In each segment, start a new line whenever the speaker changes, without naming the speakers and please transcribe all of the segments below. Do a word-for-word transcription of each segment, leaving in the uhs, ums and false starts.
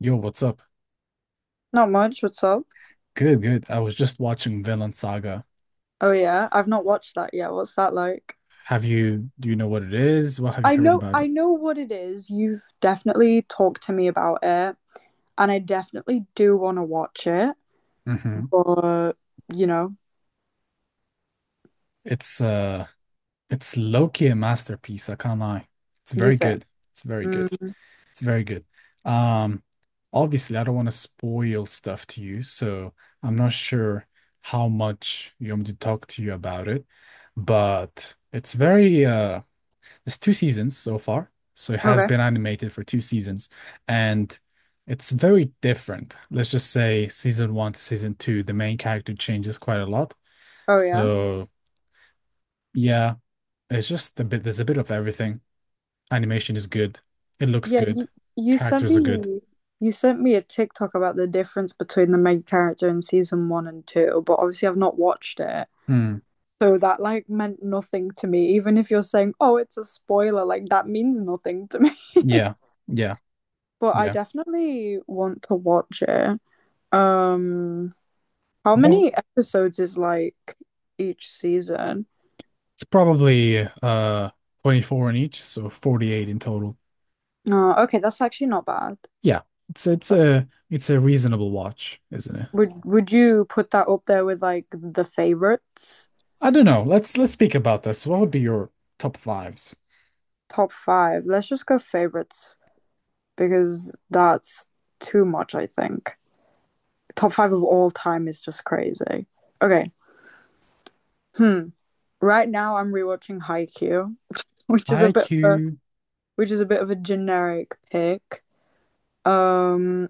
Yo, what's up?
Not much. What's up?
Good, good. I was just watching Vinland Saga.
Oh yeah, I've not watched that yet. What's that like?
Have you, do you know what it is? What have you
I
heard
know
about
I
it?
know what it is. You've definitely talked to me about it, and I definitely do want to watch it,
Hmm.
but you know,
It's uh it's low-key a masterpiece, I can't lie. It's
you
very
think.
good. It's very good.
Mm,
It's very good. Um, Obviously I don't want to spoil stuff to you, so I'm not sure how much you want me to talk to you about it, but it's very uh it's two seasons so far, so it has
okay.
been animated for two seasons, and it's very different. Let's just say season one to season two, the main character changes quite a lot.
Oh yeah.
So yeah, it's just a bit. There's a bit of everything. Animation is good. It looks
Yeah,
good.
you, you sent
Characters are
me
good.
you sent me a TikTok about the difference between the main character in season one and two, but obviously I've not watched it.
Hmm.
So that like meant nothing to me. Even if you're saying, "Oh, it's a spoiler," like that means nothing to me.
Yeah. Yeah.
But I
Yeah.
definitely want to watch it. Um, how
But
many episodes is like each season?
it's probably uh twenty-four in each, so forty-eight in total.
Oh, okay, that's actually not bad.
Yeah. It's it's
That's,
a it's a reasonable watch, isn't it?
would would you put that up there with like the favorites?
I don't know. Let's let's speak about this. What would be your top fives?
Top five. Let's just go favorites because that's too much, I think. Top five of all time is just crazy. Okay. Hmm. Right now I'm rewatching Haikyuu, which is a bit of a,
I Q.
which is a bit of a generic pick. Um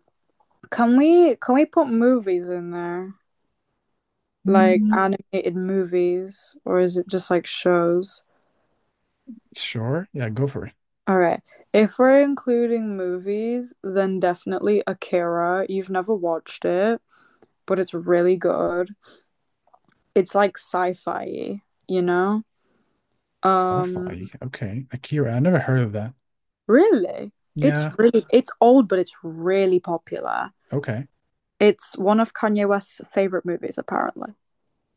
Can we can we put movies in there? Like
Mm,
animated movies, or is it just like shows?
sure. Yeah, go for it.
All right. If we're including movies, then definitely Akira. You've never watched it, but it's really good. It's like sci-fi, you know? Um,
Sci-fi. Okay. Akira. I never heard of that.
really? It's
Yeah.
really it's old, but it's really popular.
Okay.
It's one of Kanye West's favorite movies, apparently.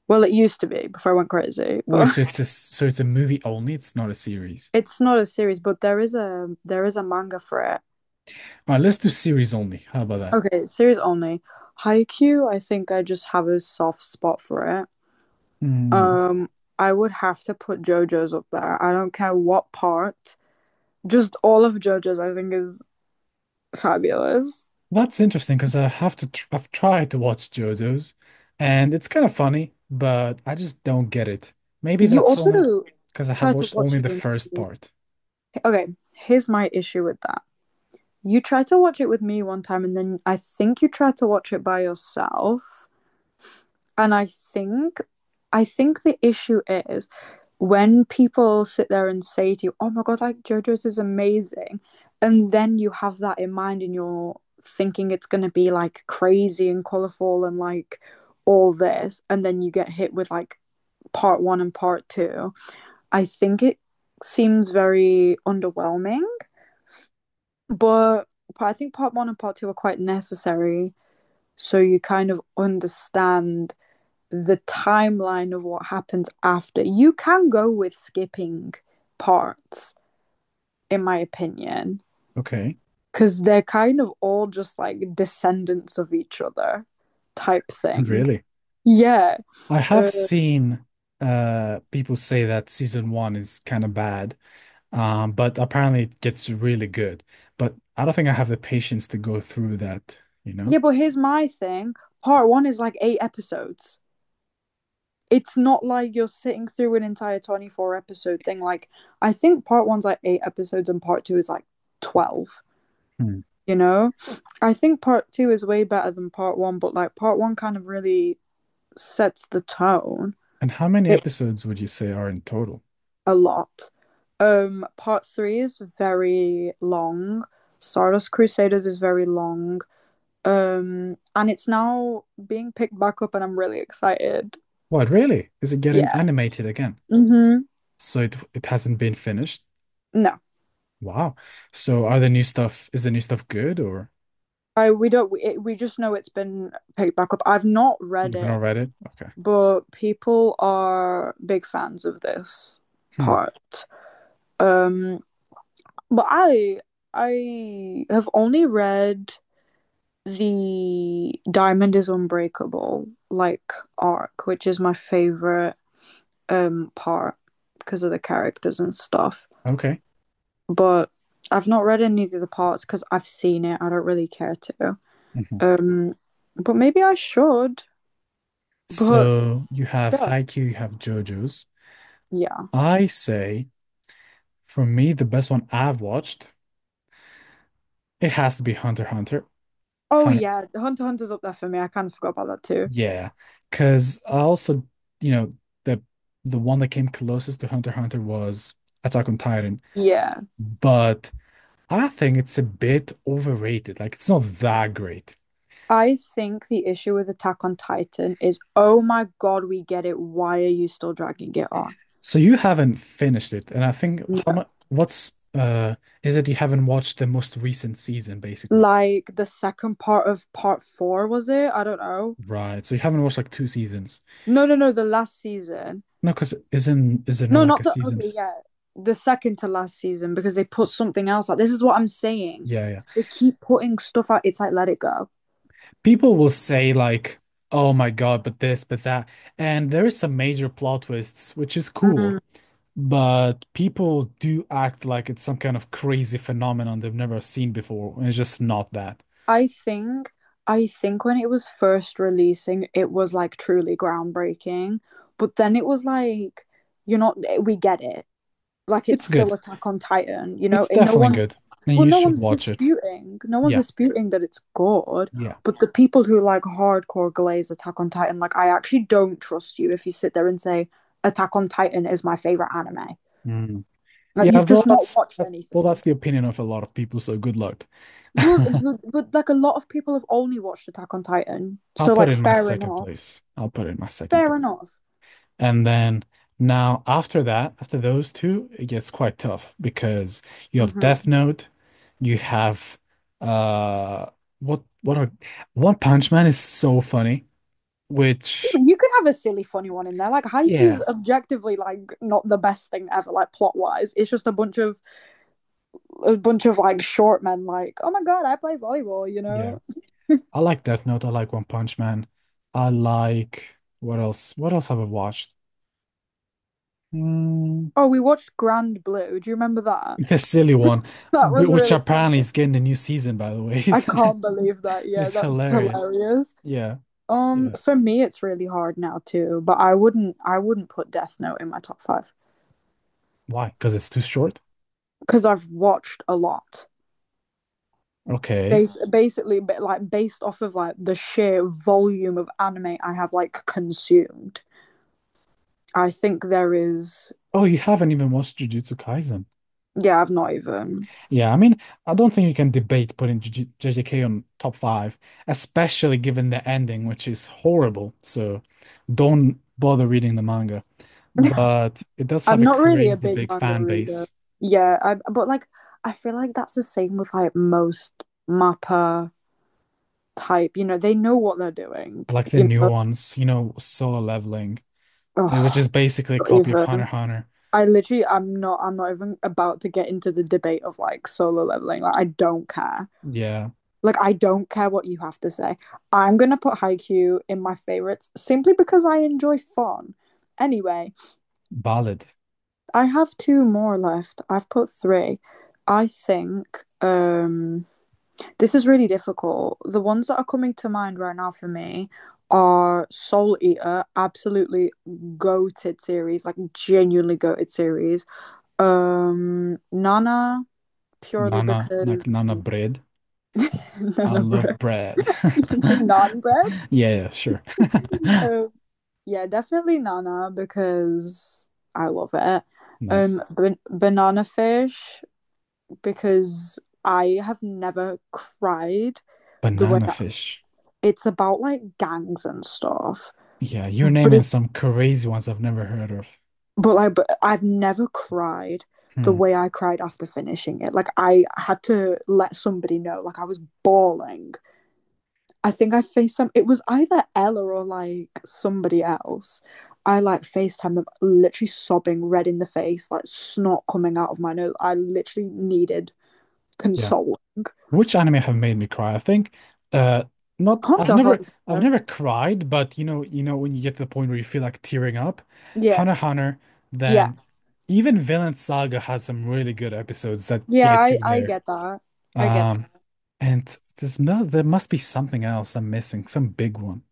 Well, it used to be before I went crazy,
Wait,
but
so it's a, so it's a movie only. It's not a series.
It's not a series, but there is a there is a manga for it.
All right, let's do series only. How about that?
Okay, series only. Haikyuu, I think I just have a soft spot for it.
Mm, okay.
Um, I would have to put JoJo's up there. I don't care what part. Just all of JoJo's, I think, is fabulous.
That's interesting because I have to tr I've tried to watch JoJo's and it's kind of funny, but I just don't get it. Maybe
You
that's
also
only because I have
try to
watched
watch
only
it
the
with
first
me.
part.
Okay, here's my issue with that. You tried to watch it with me one time, and then I think you tried to watch it by yourself. and I think I think the issue is when people sit there and say to you, "Oh my god, like JoJo's is amazing," and then you have that in mind and you're thinking it's going to be like crazy and colorful and like all this, and then you get hit with like part one and part two. I think it seems very underwhelming, but I think part one and part two are quite necessary so you kind of understand the timeline of what happens after. You can go with skipping parts, in my opinion,
Okay.
because they're kind of all just like descendants of each other type thing.
Really?
Yeah.
I have
Uh,
seen uh people say that season one is kind of bad, um, but apparently it gets really good. But I don't think I have the patience to go through that, you know?
yeah, but here's my thing. Part one is like eight episodes. It's not like you're sitting through an entire twenty-four episode thing. Like, I think part one's like eight episodes and part two is like twelve.
Hmm.
You know, I think part two is way better than part one, but like part one kind of really sets the tone.
And how many
It
episodes would you say are in total?
a lot. Um part three is very long. Stardust Crusaders is very long. Um and it's now being picked back up, and I'm really excited.
What, really? Is it getting
Yeah.
animated again?
Mm-hmm.
So it it hasn't been finished?
no
Wow. So are the new stuff, is the new stuff good or
i we don't we, it, we just know it's been picked back up. I've not read
you've not
it.
read it? Okay.
But people are big fans of this
Hmm.
part. um But I I have only read the Diamond is Unbreakable like arc, which is my favorite um part because of the characters and stuff.
Okay.
But I've not read any of the parts because I've seen it. I don't really care to.
Mhm.
Um, but maybe I should. But
So you have
yeah,
Haikyuu, you have JoJo's.
yeah.
I say. For me, the best one I've watched, it has to be Hunter x Hunter.
Oh
Hunter,
yeah, Hunter x Hunter's up there for me. I kind of forgot about that too.
yeah, because I also, you know, the the one that came closest to Hunter x Hunter was Attack on Titan,
Yeah.
but I think it's a bit overrated. Like it's not that great.
I think the issue with Attack on Titan is, oh my god, we get it. Why are you still dragging it on?
So you haven't finished it, and I think how much?
No.
What's uh is it you haven't watched the most recent season, basically?
Like the second part of part four, was it? I don't know.
Right. So you haven't watched like two seasons.
No, no, no, the last season.
No, because isn't is there not
No,
like a
not the.
season?
Okay,
f-
yeah. The second to last season because they put something else out. This is what I'm saying.
Yeah, yeah.
They keep putting stuff out. It's like, let it go.
People will say like, "Oh my God, but this, but that," and there is some major plot twists, which is
Mm.
cool. But people do act like it's some kind of crazy phenomenon they've never seen before, and it's just not that.
I think I think when it was first releasing, it was like truly groundbreaking, but then it was like, you're not, eh, we get it. Like it's
It's
still
good.
Attack on Titan, you know,
It's
and no
definitely
one,
good, and
well,
you
no
should
one's
watch it.
disputing, no one's
Yeah,
disputing that it's good,
yeah,
but the people who like hardcore glaze Attack on Titan, like I actually don't trust you if you sit there and say Attack on Titan is my favorite anime.
mm,
Like
yeah.
you've
Well,
just not
that's,
watched
that's well, that's
anything.
the opinion of a lot of people. So good luck.
Well, but, but like a lot of people have only watched Attack on Titan,
I'll
so
put
like
it in my
fair
second
enough,
place. I'll put it in my second
fair
place.
enough.
And then now after that, after those two, it gets quite tough because you have Death
Hmm.
Note, you have uh what what are One Punch Man is so funny, which
You could have a silly, funny one in there. Like Haikyuu's
yeah,
objectively like not the best thing ever, like plot wise. It's just a bunch of a bunch of like short men. Like, oh my god, I play volleyball. You
yeah.
know?
I like Death Note, I like One Punch Man. I like what else? What else have I watched? Mm,
Oh, we watched Grand Blue. Do you remember that?
the silly one,
That
wh-
was
which
really funny.
apparently is getting a new season, by the way,
I
isn't it?
can't believe that.
Which
Yeah,
is
that's
hilarious.
hilarious.
Yeah,
Um,
yeah.
for me, it's really hard now too. But I wouldn't, I wouldn't put Death Note in my top five
Why? Because it's too short?
because I've watched a lot.
Okay.
Bas- basically, but like based off of like the sheer volume of anime I have like consumed, I think there is.
Oh, you haven't even watched Jujutsu Kaisen.
Yeah, I've not even.
Yeah, I mean, I don't think you can debate putting J J- JJK on top five, especially given the ending, which is horrible. So don't bother reading the manga. But it does have
I'm
a
not really a
crazy
big
big
manga
fan
reader.
base,
Yeah, I, but like I feel like that's the same with like most mappa type. You know, they know what they're doing.
like the
You
new
know,
ones, you know, Solo Leveling, eh, which
oh,
is basically a
not
copy of Hunter
even.
x Hunter.
I literally, I'm not. I'm not even about to get into the debate of like solo leveling. Like, I don't care.
Yeah,
Like, I don't care what you have to say. I'm going to put Haikyuu in my favorites simply because I enjoy fun. Anyway,
Ballad,
I have two more left. I've put three. I think um, this is really difficult. The ones that are coming to mind right now for me are Soul Eater, absolutely goated series, like genuinely goated series. Um, Nana, purely
Nana, like
because
Nana Bread. I
Nana
love
bread,
bread.
non bread.
Yeah, yeah, sure.
Um, Yeah, definitely Nana because I love it.
Nice.
Um, ban- banana fish because I have never cried the way
Banana
that-
fish.
it's about like gangs and stuff,
Yeah, you're
but
naming
it's
some crazy ones I've never heard of.
but like but I've never cried the
Hmm.
way I cried after finishing it. Like I had to let somebody know, like I was bawling. I think I FaceTime. It was either Ella or like somebody else. I like FaceTime them, literally sobbing, red in the face, like snot coming out of my nose. I literally needed
Yeah.
consoling.
Which anime have made me cry? I think uh not I've
Hunter,
never I've
Hunter.
never cried, but you know, you know when you get to the point where you feel like tearing up,
Yeah,
Hunter x Hunter,
yeah,
then even Vinland Saga had some really good episodes that
yeah.
get
I
you
I
there.
get that. I get
Um
that.
and there's no there must be something else I'm missing, some big one.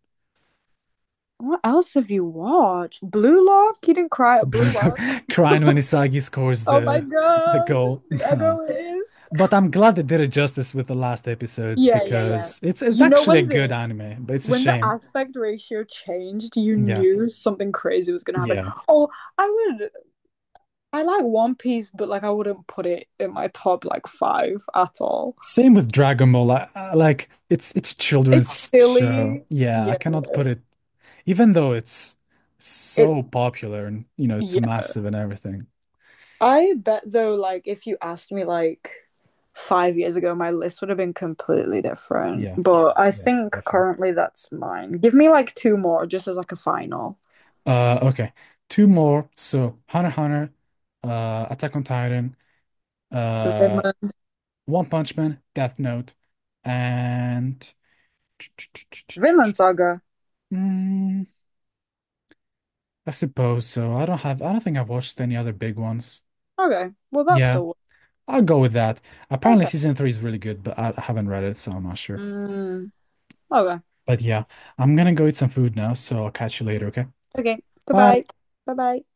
What else have you watched? Blue Lock. You didn't cry at Blue Lock.
Crying when Isagi scores
Oh my
the the
god,
goal.
The
No.
Egoist.
But I'm glad they did it justice with the last episodes
Yeah, yeah, yeah.
because it's it's
You know
actually a
when
good
the
anime, but it's a
when the
shame.
aspect ratio changed, you
Yeah.
knew something crazy was gonna happen.
Yeah.
Oh, I would I like One Piece, but like I wouldn't put it in my top like five at all.
Same with Dragon Ball. I, I- like it's it's a
It's
children's show.
silly.
Yeah, I
Yeah,
cannot put it even though it's
it
so popular and you know it's
yeah.
massive and everything.
I bet though, like if you asked me like five years ago, my list would have been completely different.
Yeah.
But I
Yeah,
think
definitely.
currently that's mine. Give me like two more just as like a final.
Uh okay. Two more. So Hunter x Hunter, uh Attack on Titan, uh
Vinland
One Punch Man, Death Note, and
Vinland Saga.
mm, I suppose so. I don't have, I don't think I've watched any other big ones.
Okay. Well that's
Yeah,
still
I'll go with that. Apparently,
okay.
season three is really good, but I I haven't read it, so I'm not sure.
Mm, okay.
But yeah, I'm gonna go eat some food now, so I'll catch you later, okay?
Okay. Goodbye.
Bye.
Bye bye.